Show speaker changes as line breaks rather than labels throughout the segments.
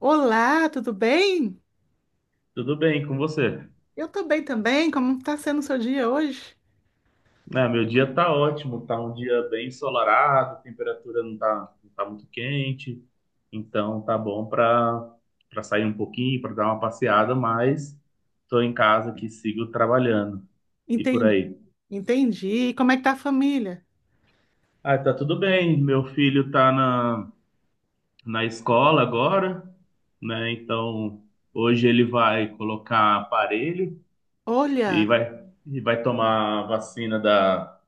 Olá, tudo bem?
Tudo bem com você?
Eu tô bem também. Como tá sendo o seu dia hoje?
Ah, meu dia tá ótimo, tá um dia bem ensolarado, a temperatura não tá muito quente, então tá bom para sair um pouquinho, para dar uma passeada, mas tô em casa aqui, sigo trabalhando. E por
Entendi,
aí?
entendi. E como é que tá a família?
Ah, tá tudo bem. Meu filho tá na escola agora, né? Então hoje ele vai colocar aparelho e
Olha,
vai, e vai tomar a vacina da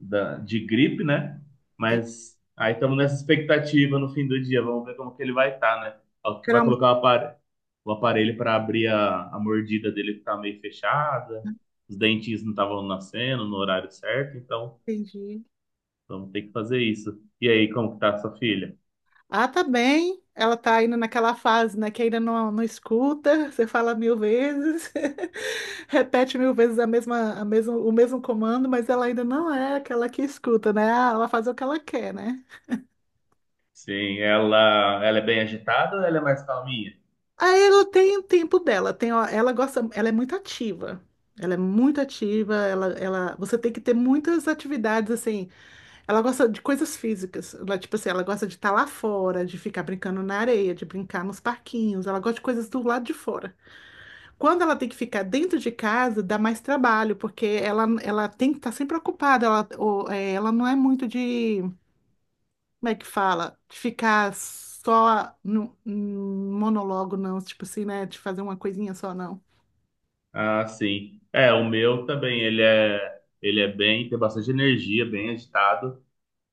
de gripe, né?
entendi.
Mas aí estamos nessa expectativa no fim do dia. Vamos ver como que ele vai estar, né? Ó, que vai
Geralmente,
colocar o aparelho para abrir a mordida dele que tá meio fechada. Os dentinhos não estavam nascendo no horário certo, então
entendi.
vamos ter que fazer isso. E aí, como que tá a sua filha?
Ah, tá bem. Ela tá indo naquela fase, né, que ainda não escuta, você fala mil vezes, repete mil vezes a mesma, a mesmo, o mesmo comando, mas ela ainda não é aquela que escuta, né? Ah, ela faz o que ela quer, né?
Sim, ela é bem agitada ou ela é mais calminha?
Aí ela tem o tempo dela, tem, ó, ela gosta, ela é muito ativa. Ela é muito ativa, ela, você tem que ter muitas atividades assim. Ela gosta de coisas físicas, ela, tipo assim, ela gosta de estar lá fora, de ficar brincando na areia, de brincar nos parquinhos, ela gosta de coisas do lado de fora. Quando ela tem que ficar dentro de casa, dá mais trabalho, porque ela tem que estar sempre ocupada, ela, ou, é, ela não é muito de como é que fala? De ficar só no, num monólogo, não. Tipo assim, né? De fazer uma coisinha só, não.
Ah, sim. É, o meu também, ele é bem, tem bastante energia, bem agitado.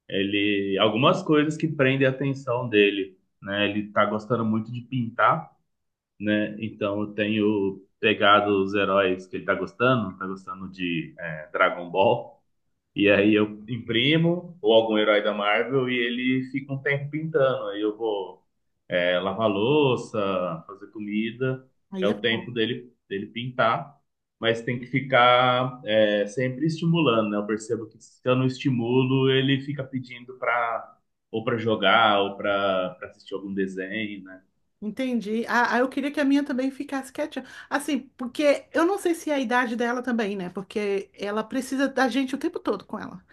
Ele algumas coisas que prendem a atenção dele, né? Ele tá gostando muito de pintar, né? Então eu tenho pegado os heróis que ele tá gostando de Dragon Ball, e aí eu imprimo ou algum herói da Marvel e ele fica um tempo pintando. Aí eu vou lavar louça, fazer comida, é
Aí é
o
bom.
tempo dele pintar, mas tem que ficar sempre estimulando, né? Eu percebo que se eu não estimulo, ele fica pedindo para ou para jogar ou para assistir algum desenho, né?
Entendi. Ah, eu queria que a minha também ficasse quietinha. Assim, porque eu não sei se é a idade dela também, né? Porque ela precisa da gente o tempo todo com ela.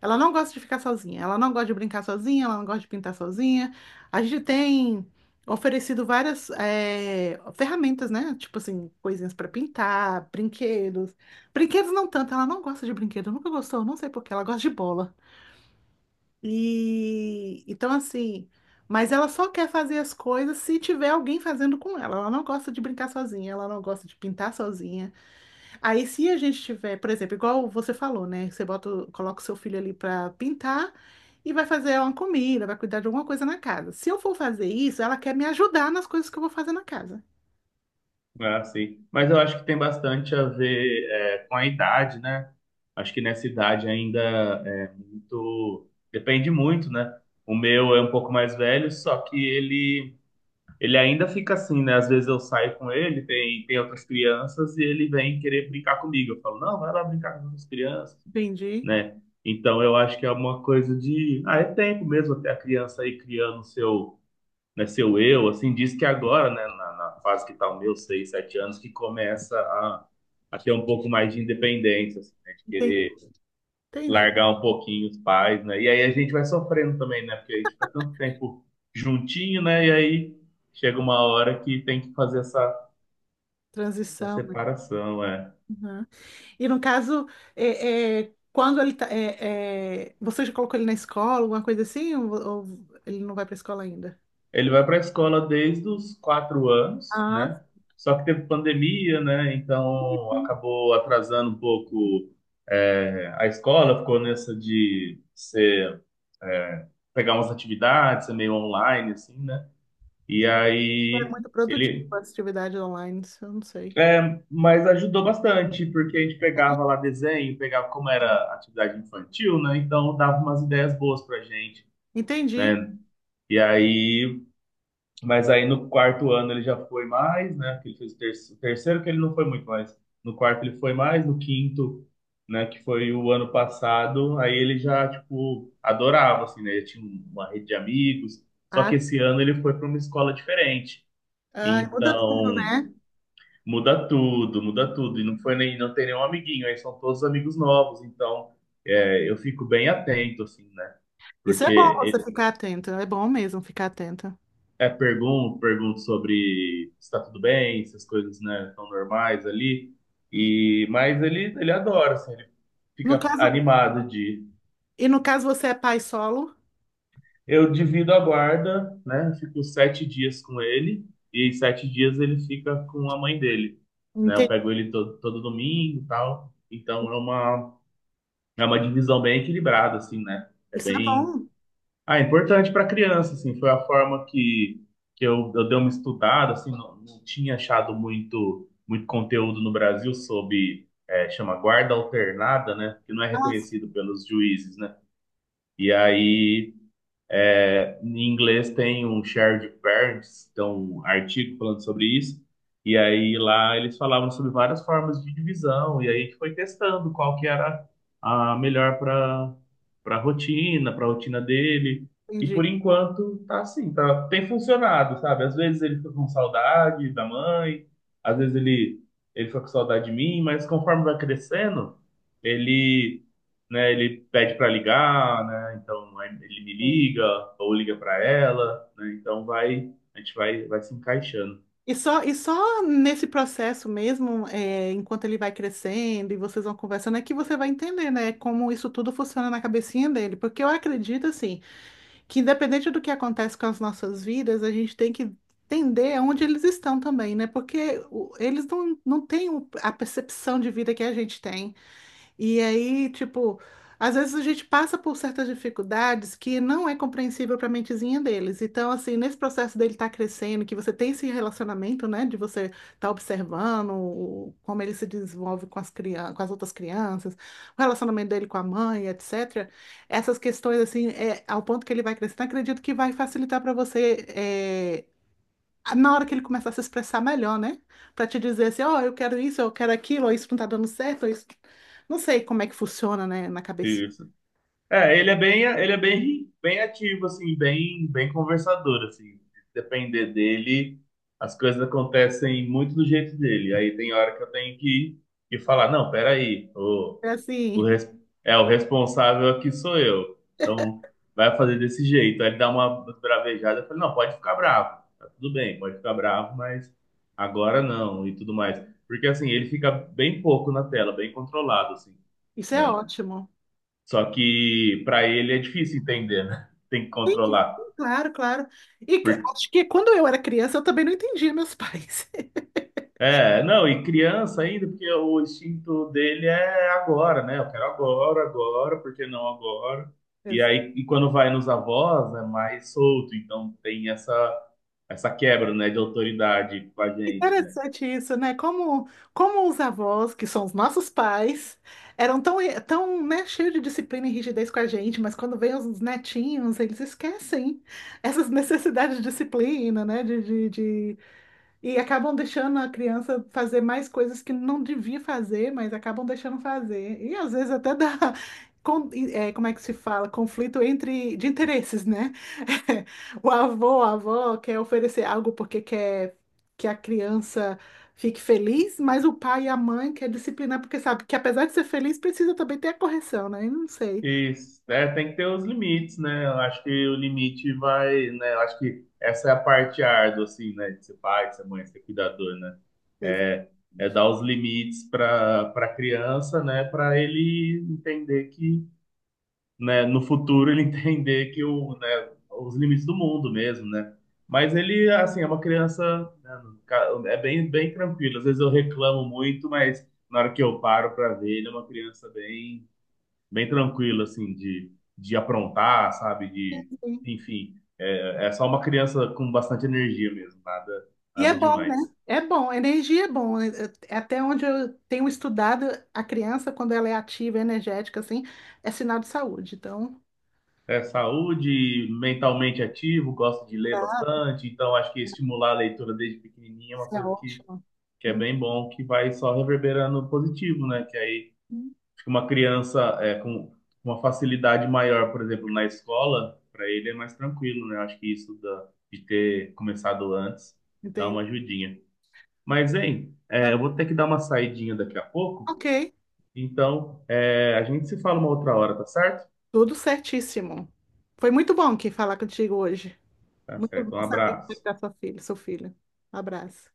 Ela não gosta de ficar sozinha, ela não gosta de brincar sozinha, ela não gosta de pintar sozinha. A gente tem oferecido várias ferramentas, né? Tipo assim, coisinhas para pintar, brinquedos. Brinquedos não tanto, ela não gosta de brinquedo, nunca gostou, não sei por quê, ela gosta de bola. E então assim, mas ela só quer fazer as coisas se tiver alguém fazendo com ela. Ela não gosta de brincar sozinha, ela não gosta de pintar sozinha. Aí se a gente tiver, por exemplo, igual você falou, né? Você bota, coloca o seu filho ali para pintar e vai fazer uma comida, vai cuidar de alguma coisa na casa. Se eu for fazer isso, ela quer me ajudar nas coisas que eu vou fazer na casa.
É assim. Mas eu acho que tem bastante a ver com a idade, né? Acho que nessa idade ainda é muito. Depende muito, né? O meu é um pouco mais velho, só que ele ainda fica assim, né? Às vezes eu saio com ele, tem outras crianças, e ele vem querer brincar comigo. Eu falo, não, vai lá brincar com as crianças,
Entendi.
né? Então eu acho que é uma coisa de. Ah, é tempo mesmo até a criança aí criando seu, né, seu eu. Assim, diz que agora, né, na fase que tá o meu, 6, 7 anos, que começa a ter um pouco mais de independência, assim, né? De
Entendi.
querer
Entendi.
largar um pouquinho os pais, né? E aí a gente vai sofrendo também, né? Porque a gente fica tanto tempo juntinho, né? E aí chega uma hora que tem que fazer essa,
Transição,
separação, é.
né? E no caso, quando ele tá, você já colocou ele na escola, alguma coisa assim, ou ele não vai para escola ainda?
Ele vai para a escola desde os 4 anos,
Ah,
né? Só que teve pandemia, né? Então
sim.
acabou atrasando um pouco a escola, ficou nessa de ser, é, pegar umas atividades, ser meio online, assim, né? E
É
aí
muito produtivo
ele
a atividade online, isso eu não sei.
É, mas ajudou bastante, porque a gente pegava lá desenho, pegava como era atividade infantil, né? Então dava umas ideias boas pra gente,
Entendi.
né? E aí, mas aí no quarto ano ele já foi mais, né? Que ele fez o terceiro, terceiro que ele não foi muito mais. No quarto ele foi mais, no quinto, né? Que foi o ano passado, aí ele já, tipo, adorava, assim, né? Ele tinha uma rede de amigos, só que
Ah,
esse ano ele foi para uma escola diferente.
ai, muda tudo,
Então,
né?
muda tudo, muda tudo. E não foi nem, não tem nenhum amiguinho, aí são todos amigos novos, então eu fico bem atento, assim, né?
Isso é
Porque
bom, você
e-
ficar atenta, é bom mesmo ficar atenta.
pergunto sobre se tá tudo bem, se as coisas, né, estão normais ali. E, mas ele adora, assim, ele
No
fica
caso,
animado de.
e no caso você é pai solo?
Eu divido a guarda, né? Fico 7 dias com ele, e em 7 dias ele fica com a mãe dele. Né? Eu
Entendi.
pego ele todo domingo e tal. Então É uma divisão bem equilibrada, assim, né? É
Isso é
bem.
bom.
Ah, é importante para criança, assim. Foi a forma que, que eu dei uma estudada, assim. Não, não tinha achado muito, muito conteúdo no Brasil sobre. É, chama guarda alternada, né? Que não é
Nossa,
reconhecido pelos juízes, né? E aí em inglês tem um shared parents, então um artigo falando sobre isso. E aí lá eles falavam sobre várias formas de divisão. E aí a gente foi testando qual que era a melhor para rotina, para rotina dele. E
entendi.
por enquanto tá assim, tá, tem funcionado, sabe? Às vezes ele fica com saudade da mãe, às vezes ele fica com saudade de mim, mas conforme vai crescendo, ele né? Ele pede para ligar, né? Então aí ele me liga ou liga para ela, né? Então vai, a gente vai se encaixando.
E só nesse processo mesmo, é, enquanto ele vai crescendo e vocês vão conversando, é que você vai entender, né, como isso tudo funciona na cabecinha dele. Porque eu acredito, assim, que independente do que acontece com as nossas vidas, a gente tem que entender onde eles estão também, né? Porque eles não têm a percepção de vida que a gente tem. E aí, tipo, às vezes a gente passa por certas dificuldades que não é compreensível para a mentezinha deles. Então, assim, nesse processo dele estar crescendo, que você tem esse relacionamento, né, de você estar observando como ele se desenvolve com as crianças, com as outras crianças, o relacionamento dele com a mãe, etc. Essas questões, assim, é, ao ponto que ele vai crescendo, acredito que vai facilitar para você, é, na hora que ele começar a se expressar melhor, né? Pra te dizer assim, ó, eu quero isso, eu quero aquilo, ou isso não tá dando certo, ou isso... Não sei como é que funciona, né, na cabeça.
Isso. É, ele é bem, bem ativo assim, bem, bem conversador assim. Se depender dele, as coisas acontecem muito do jeito dele. Aí tem hora que eu tenho que falar, não, peraí,
É
O
assim,
res- é, o responsável aqui sou eu. Então, vai fazer desse jeito. Aí ele dá uma bravejada. Eu falei, não, pode ficar bravo. Tá tudo bem, pode ficar bravo, mas agora não e tudo mais. Porque, assim, ele fica bem pouco na tela, bem controlado, assim,
isso é
né?
ótimo.
Só que pra ele é difícil entender, né? Tem que controlar.
Claro, claro. E acho que quando eu era criança, eu também não entendia meus pais.
É, não, e criança ainda, porque o instinto dele é agora, né? Eu quero agora, agora, por que não agora? E aí, e quando vai nos avós, é mais solto, então tem essa quebra, né, de autoridade com a gente, né?
Interessante isso, né? Como, como os avós, que são os nossos pais, eram tão, tão, né, cheios de disciplina e rigidez com a gente, mas quando vêm os netinhos, eles esquecem essas necessidades de disciplina, né? De e acabam deixando a criança fazer mais coisas que não devia fazer, mas acabam deixando fazer. E às vezes até dá, é, como é que se fala? Conflito entre de interesses, né? O avô, a avó quer oferecer algo porque quer que a criança fique feliz, mas o pai e a mãe quer disciplinar porque sabe que apesar de ser feliz, precisa também ter a correção, né? Eu não sei.
E tem que ter os limites, né? Eu acho que o limite vai, né? Eu acho que essa é a parte árdua, assim, né? De ser pai, de ser mãe, de ser cuidador, né? É, é dar os limites para a criança, né? Para ele entender que né, no futuro ele entender que o, né, os limites do mundo mesmo, né? Mas ele, assim, é uma criança, né, é bem, bem tranquilo. Às vezes eu reclamo muito, mas na hora que eu paro para ver, ele é uma criança bem, bem tranquila, assim, de aprontar, sabe? De, enfim, é só uma criança com bastante energia mesmo, nada,
E é
nada
bom, né?
demais.
É bom, energia é bom. É até onde eu tenho estudado, a criança, quando ela é ativa, energética, assim, é sinal de saúde. Então,
É saúde, mentalmente ativo, gosto de ler
tá,
bastante, então acho que estimular a leitura desde pequenininho é uma
isso é
coisa que
ótimo.
é bem bom, que vai só reverberando positivo, né? Que aí
Uhum,
fica uma criança com uma facilidade maior, por exemplo, na escola, para ele é mais tranquilo, né? Acho que isso de ter começado antes dá
entendi.
uma ajudinha. Mas, hein,
Ah,
eu vou ter que dar uma saidinha daqui a pouco,
ok,
então a gente se fala uma outra hora, tá certo?
tudo certíssimo. Foi muito bom que falar contigo hoje.
Tá
Muito
certo, um
bom saber como é que
abraço.
tá sua filha, seu filho. Um abraço.